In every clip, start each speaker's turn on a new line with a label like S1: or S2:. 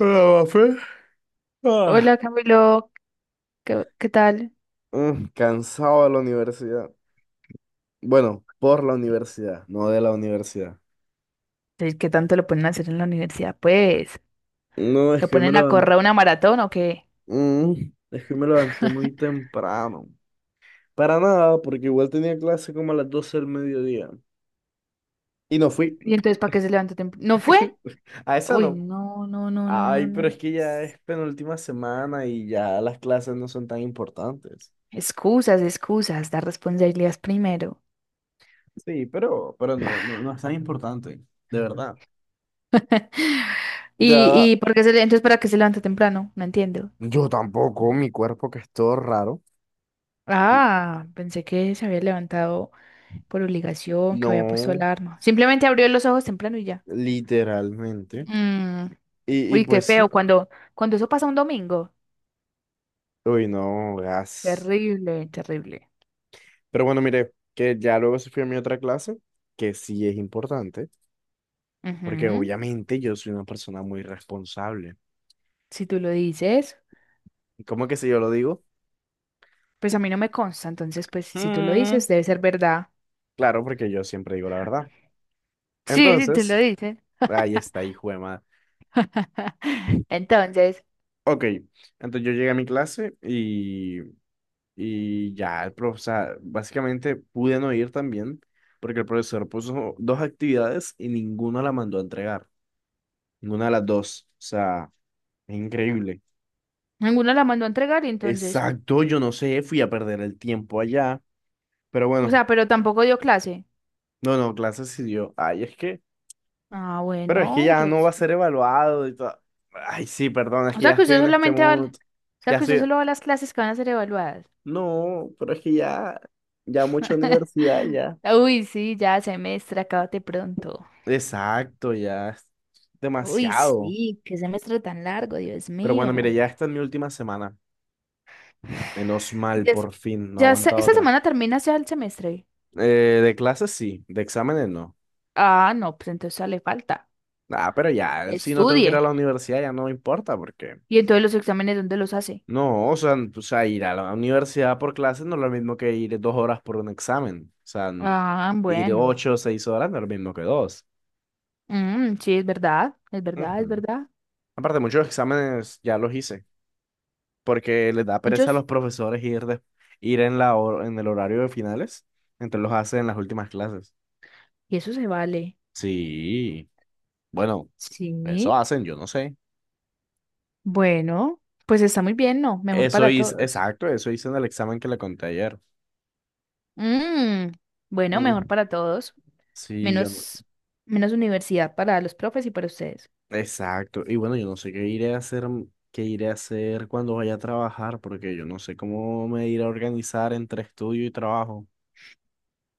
S1: Ah, fe. Ah.
S2: Hola Camilo, ¿Qué tal?
S1: Cansado de la universidad. Bueno, por la universidad, no de la universidad.
S2: Sí, ¿qué tanto lo ponen a hacer en la universidad? Pues,
S1: No, es
S2: ¿lo
S1: que hoy me
S2: ponen a
S1: levanté,
S2: correr una maratón o qué?
S1: es que hoy me levanté muy temprano. Para nada, porque igual tenía clase como a las 12 del mediodía. Y no fui.
S2: ¿Y entonces para qué se levantó temprano? ¿No fue?
S1: A esa
S2: Uy,
S1: no.
S2: no, no, no, no, no,
S1: Ay,
S2: no.
S1: pero es que ya es penúltima semana y ya las clases no son tan importantes.
S2: Excusas, excusas, dar responsabilidades primero.
S1: Sí, pero no es tan importante, de verdad. Ya,
S2: ¿Y por qué entonces para qué se levanta temprano? No entiendo.
S1: yo tampoco, mi cuerpo que es todo raro.
S2: Ah, pensé que se había levantado por obligación, que había puesto
S1: No,
S2: alarma. Simplemente abrió los ojos temprano y ya.
S1: literalmente.
S2: Mm.
S1: Y
S2: Uy, qué
S1: pues
S2: feo
S1: sí.
S2: cuando eso pasa un domingo.
S1: Uy, no, gas.
S2: Terrible, terrible.
S1: Pero bueno, mire, que ya luego se fue a mi otra clase, que sí es importante, porque
S2: Ujú.
S1: obviamente yo soy una persona muy responsable.
S2: Si tú lo dices,
S1: ¿Y cómo que si yo lo digo?
S2: pues a mí no me consta, entonces, pues si tú lo
S1: Mm,
S2: dices, debe ser verdad.
S1: claro, porque yo siempre digo la verdad.
S2: Sí, si tú lo
S1: Entonces,
S2: dices.
S1: ahí está, hijo de madre.
S2: Entonces,
S1: Ok, entonces yo llegué a mi clase y ya, o sea, básicamente pude no ir también porque el profesor puso dos actividades y ninguna la mandó a entregar. Ninguna de las dos. O sea, es increíble.
S2: ninguno la mandó a entregar y entonces,
S1: Exacto, yo no sé, fui a perder el tiempo allá. Pero
S2: o
S1: bueno,
S2: sea, pero tampoco dio clase.
S1: no, no, clases sí dio. Ay,
S2: Ah,
S1: pero es que
S2: bueno,
S1: ya no va a
S2: entonces,
S1: ser evaluado y todo. Ay, sí, perdón, es
S2: o
S1: que ya
S2: sea que
S1: estoy
S2: usted
S1: en este
S2: solamente
S1: mood.
S2: o sea
S1: Ya
S2: que usted
S1: estoy.
S2: solo va a las clases que van a ser evaluadas.
S1: No, pero es que ya, mucha universidad ya.
S2: Uy, sí, ya semestre, acábate pronto.
S1: Exacto, ya es
S2: Uy,
S1: demasiado.
S2: sí, qué semestre tan largo, Dios
S1: Pero bueno, mire,
S2: mío.
S1: ya esta es mi última semana. Menos mal,
S2: Des-
S1: por fin, no aguanta
S2: Esta
S1: otra.
S2: semana termina ya el semestre.
S1: De clases sí, de exámenes no.
S2: Ah, no, pues entonces ya le falta.
S1: Ah, pero ya, si no tengo que ir
S2: Estudie.
S1: a la universidad ya no me importa porque...
S2: Y entonces los exámenes, ¿dónde los hace?
S1: No, o sea, o sea, ir a la universidad por clases no es lo mismo que ir 2 horas por un examen. O sea,
S2: Ah,
S1: ir
S2: bueno.
S1: 8 o 6 horas no es lo mismo que dos.
S2: Mm, sí, es verdad, es verdad, es
S1: Ujú.
S2: verdad.
S1: Aparte, muchos exámenes ya los hice porque les da pereza a
S2: Muchos.
S1: los profesores ir, ir en el horario de finales, entonces los hacen en las últimas clases.
S2: Y eso se vale.
S1: Sí. Bueno, eso
S2: Sí.
S1: hacen, yo no sé.
S2: Bueno, pues está muy bien, ¿no? Mejor
S1: Eso
S2: para
S1: hice,
S2: todos.
S1: exacto, eso hice en el examen que le conté ayer.
S2: Mm, bueno, mejor
S1: Mm,
S2: para todos.
S1: sí, yo no.
S2: Menos, menos universidad para los profes y para ustedes.
S1: Exacto. Y bueno, yo no sé qué iré a hacer cuando vaya a trabajar, porque yo no sé cómo me iré a organizar entre estudio y trabajo.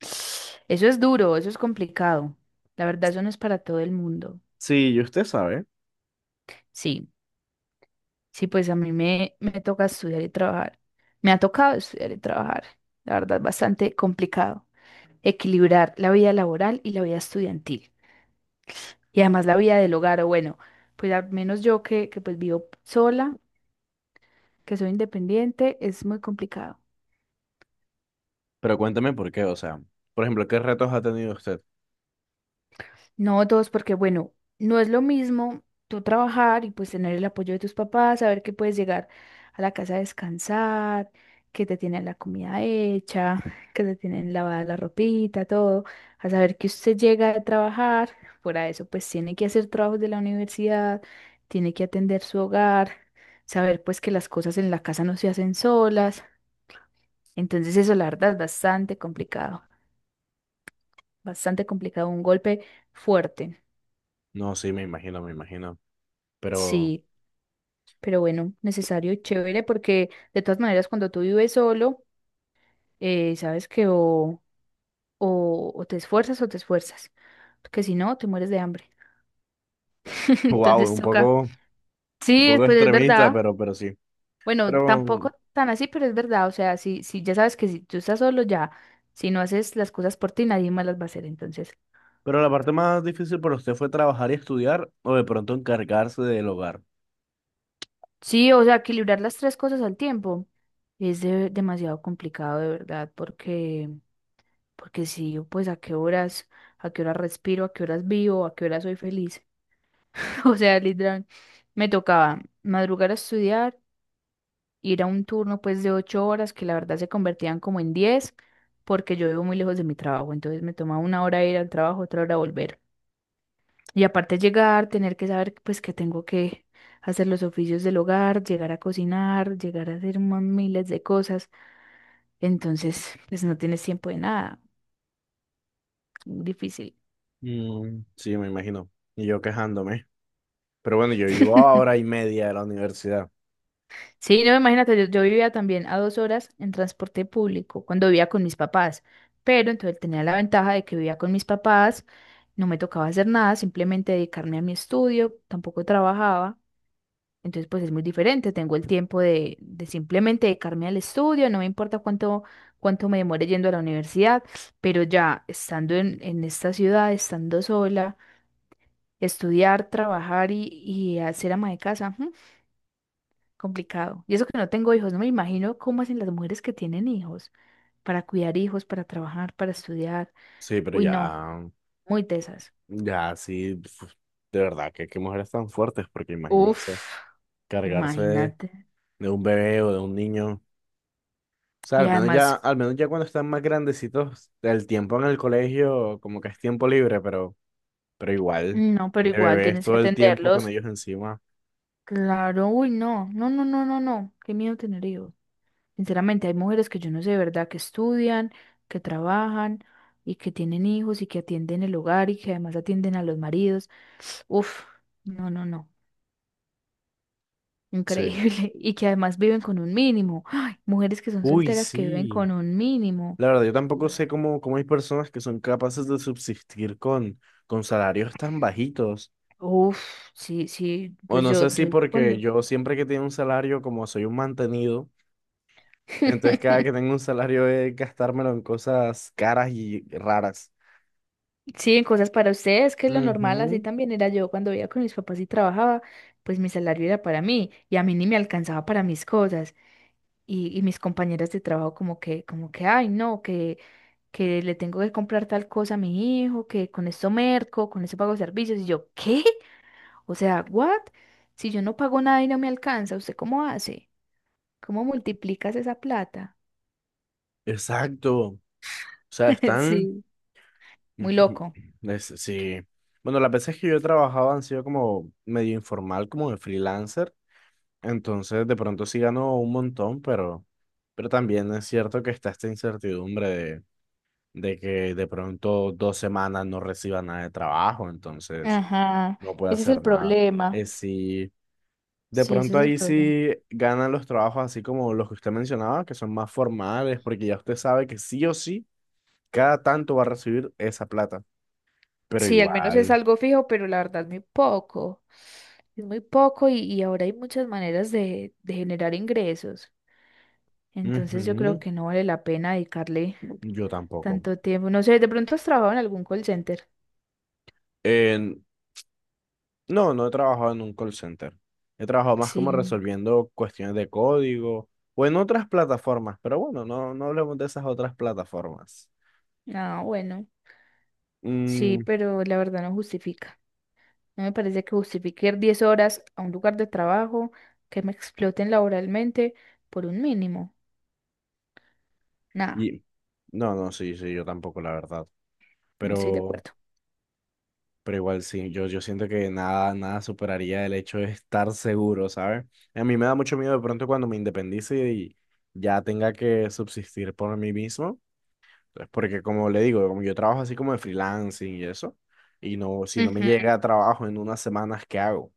S2: Eso es duro, eso es complicado. La verdad, eso no es para todo el mundo.
S1: Sí, y usted sabe,
S2: Sí. Sí, pues a mí me toca estudiar y trabajar. Me ha tocado estudiar y trabajar. La verdad, es bastante complicado. Equilibrar la vida laboral y la vida estudiantil. Y además la vida del hogar, o bueno, pues al menos yo que pues vivo sola, que soy independiente, es muy complicado.
S1: pero cuéntame por qué, o sea, por ejemplo, ¿qué retos ha tenido usted?
S2: No dos, porque bueno, no es lo mismo tú trabajar y pues tener el apoyo de tus papás, saber que puedes llegar a la casa a descansar, que te tienen la comida hecha, que te tienen lavada la ropita, todo, a saber que usted llega a trabajar, fuera de eso, pues tiene que hacer trabajos de la universidad, tiene que atender su hogar, saber pues que las cosas en la casa no se hacen solas. Entonces eso la verdad es bastante complicado, un golpe fuerte.
S1: No, sí, me imagino, pero
S2: Sí. Pero bueno, necesario y chévere porque de todas maneras cuando tú vives solo, sabes que o te esfuerzas, porque si no, te mueres de hambre.
S1: wow,
S2: Entonces
S1: un
S2: toca.
S1: poco, un
S2: Sí,
S1: poco
S2: pues es
S1: extremista,
S2: verdad.
S1: pero sí.
S2: Bueno,
S1: Pero
S2: tampoco tan así, pero es verdad. O sea, si ya sabes que si tú estás solo ya, si no haces las cosas por ti, nadie más las va a hacer. Entonces,
S1: Pero la parte más difícil para usted fue trabajar y estudiar o de pronto encargarse del hogar.
S2: sí, o sea, equilibrar las tres cosas al tiempo es demasiado complicado, de verdad, porque... Porque si yo, pues, a qué horas respiro, a qué horas vivo, a qué horas soy feliz? O sea, literal, me tocaba madrugar a estudiar, ir a un turno, pues, de ocho horas, que la verdad se convertían como en diez, porque yo vivo muy lejos de mi trabajo, entonces me tomaba una hora ir al trabajo, otra hora volver. Y aparte llegar, tener que saber, pues, que tengo que hacer los oficios del hogar, llegar a cocinar, llegar a hacer más miles de cosas. Entonces, pues, no tienes tiempo de nada. Difícil.
S1: Mm, sí, me imagino. Y yo quejándome. Pero bueno, yo vivo a hora y media de la universidad.
S2: Sí, no, imagínate, yo vivía también a dos horas en transporte público cuando vivía con mis papás, pero entonces tenía la ventaja de que vivía con mis papás, no me tocaba hacer nada, simplemente dedicarme a mi estudio, tampoco trabajaba, entonces pues es muy diferente, tengo el tiempo de simplemente dedicarme al estudio, no me importa cuánto me demore yendo a la universidad, pero ya estando en esta ciudad, estando sola, estudiar, trabajar y hacer ama de casa, complicado. Y eso que no tengo hijos, no me imagino cómo hacen las mujeres que tienen hijos para cuidar hijos, para trabajar, para estudiar.
S1: Sí, pero
S2: Uy, no,
S1: ya,
S2: muy tesas.
S1: ya, sí, uf, de verdad, que qué mujeres tan fuertes, porque
S2: Uf,
S1: imagínense, cargarse
S2: imagínate.
S1: de un bebé o de un niño. O sea,
S2: Y
S1: al menos ya,
S2: además,
S1: al menos ya cuando están más grandecitos, el tiempo en el colegio como que es tiempo libre, pero igual,
S2: no, pero
S1: de
S2: igual
S1: bebés
S2: tienes que
S1: todo el tiempo con
S2: atenderlos.
S1: ellos encima.
S2: Claro, uy, no, no, no, no, no, no. Qué miedo tener hijos. Sinceramente, hay mujeres que yo no sé de verdad que estudian, que trabajan y que tienen hijos y que atienden el hogar y que además atienden a los maridos. Uf, no, no, no.
S1: Sí.
S2: Increíble. Y que además viven con un mínimo. Ay, mujeres que son
S1: Uy,
S2: solteras que viven
S1: sí.
S2: con un mínimo.
S1: La verdad, yo tampoco
S2: Dios.
S1: sé cómo hay personas que son capaces de subsistir con salarios tan bajitos.
S2: Uf, sí, sí,
S1: O
S2: pues
S1: no sé
S2: yo,
S1: si
S2: yo
S1: porque
S2: cuando.
S1: yo siempre que tengo un salario, como soy un mantenido, entonces cada que tengo un salario es gastármelo en cosas caras y raras.
S2: Sí, en cosas para ustedes, que es lo normal, así
S1: Ujú,
S2: también era yo cuando vivía con mis papás y trabajaba, pues mi salario era para mí y a mí ni me alcanzaba para mis cosas. Y mis compañeras de trabajo como que, ay, no, que le tengo que comprar tal cosa a mi hijo, que con esto merco, con esto pago servicios. Y yo, ¿qué? O sea, ¿what? Si yo no pago nada y no me alcanza, ¿usted cómo hace? ¿Cómo multiplicas esa plata?
S1: exacto. O sea, están...
S2: Sí. Muy loco.
S1: Ujú, sí. Bueno, las veces que yo he trabajado han sido como medio informal, como de freelancer. Entonces, de pronto sí ganó un montón, pero también es cierto que está esta incertidumbre de que de pronto 2 semanas no reciba nada de trabajo, entonces
S2: Ajá,
S1: no puede
S2: ese es
S1: hacer
S2: el
S1: nada.
S2: problema.
S1: Sí, de
S2: Sí, ese
S1: pronto
S2: es el
S1: ahí
S2: problema.
S1: sí ganan los trabajos así como los que usted mencionaba, que son más formales, porque ya usted sabe que sí o sí, cada tanto va a recibir esa plata, pero
S2: Sí, al menos es
S1: igual,
S2: algo fijo, pero la verdad es muy poco. Es muy poco y ahora hay muchas maneras de generar ingresos. Entonces yo creo
S1: ujú,
S2: que no vale la pena dedicarle
S1: yo tampoco.
S2: tanto tiempo. No sé, de pronto has trabajado en algún call center.
S1: Eh, No, no he trabajado en un call center. He trabajado más como
S2: Sí.
S1: resolviendo cuestiones de código o en otras plataformas, pero bueno, no, no hablemos de esas otras plataformas.
S2: Ah, bueno. Sí,
S1: Mm,
S2: pero la verdad no justifica. No me parece que justifique ir 10 horas a un lugar de trabajo que me exploten laboralmente por un mínimo. Nada,
S1: y, no, no, sí, sí, yo tampoco, la verdad.
S2: no estoy de
S1: Pero,
S2: acuerdo.
S1: pero igual sí, yo siento que nada, nada superaría el hecho de estar seguro, ¿sabes? A mí me da mucho miedo de pronto cuando me independice y ya tenga que subsistir por mí mismo. Entonces, porque como le digo, como yo trabajo así como de freelancing y eso, y no, si no me
S2: Ujú.
S1: llega trabajo en unas semanas, ¿qué hago?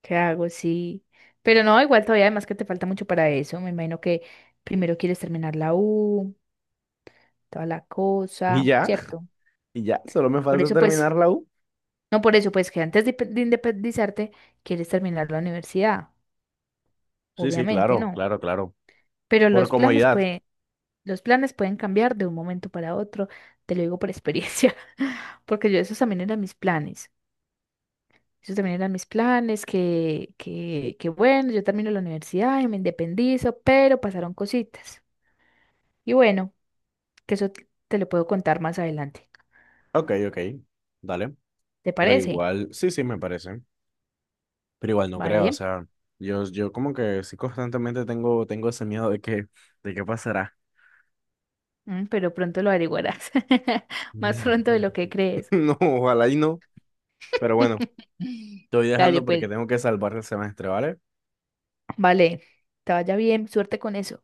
S2: ¿Qué hago? Sí. Pero no, igual todavía además que te falta mucho para eso. Me imagino que primero quieres terminar la U, toda la
S1: Y
S2: cosa,
S1: ya,
S2: ¿cierto?
S1: y ya, solo me
S2: Por
S1: falta
S2: eso
S1: terminar
S2: pues,
S1: la U.
S2: no por eso pues que antes de independizarte quieres terminar la universidad,
S1: Sí, sí,
S2: obviamente
S1: claro,
S2: no.
S1: claro, claro.
S2: Pero
S1: Por
S2: los planes
S1: comodidad.
S2: pueden. Los planes pueden cambiar de un momento para otro, te lo digo por experiencia, porque yo esos también eran mis planes. Esos también eran mis planes, que bueno, yo termino la universidad y me independizo, pero pasaron cositas. Y bueno, que eso te lo puedo contar más adelante.
S1: Ok, ok, dale.
S2: ¿Te
S1: Pero
S2: parece?
S1: igual, sí, sí, me parece. Pero igual no creo, o
S2: Vale.
S1: sea, yo como que sí constantemente tengo ese miedo de qué pasará.
S2: Mm, pero pronto lo averiguarás, más pronto de lo que crees.
S1: No, ojalá y no. Pero bueno, te voy
S2: Dale,
S1: dejando
S2: pues,
S1: porque tengo que salvar el semestre, ¿vale?
S2: vale, te vaya bien, suerte con eso.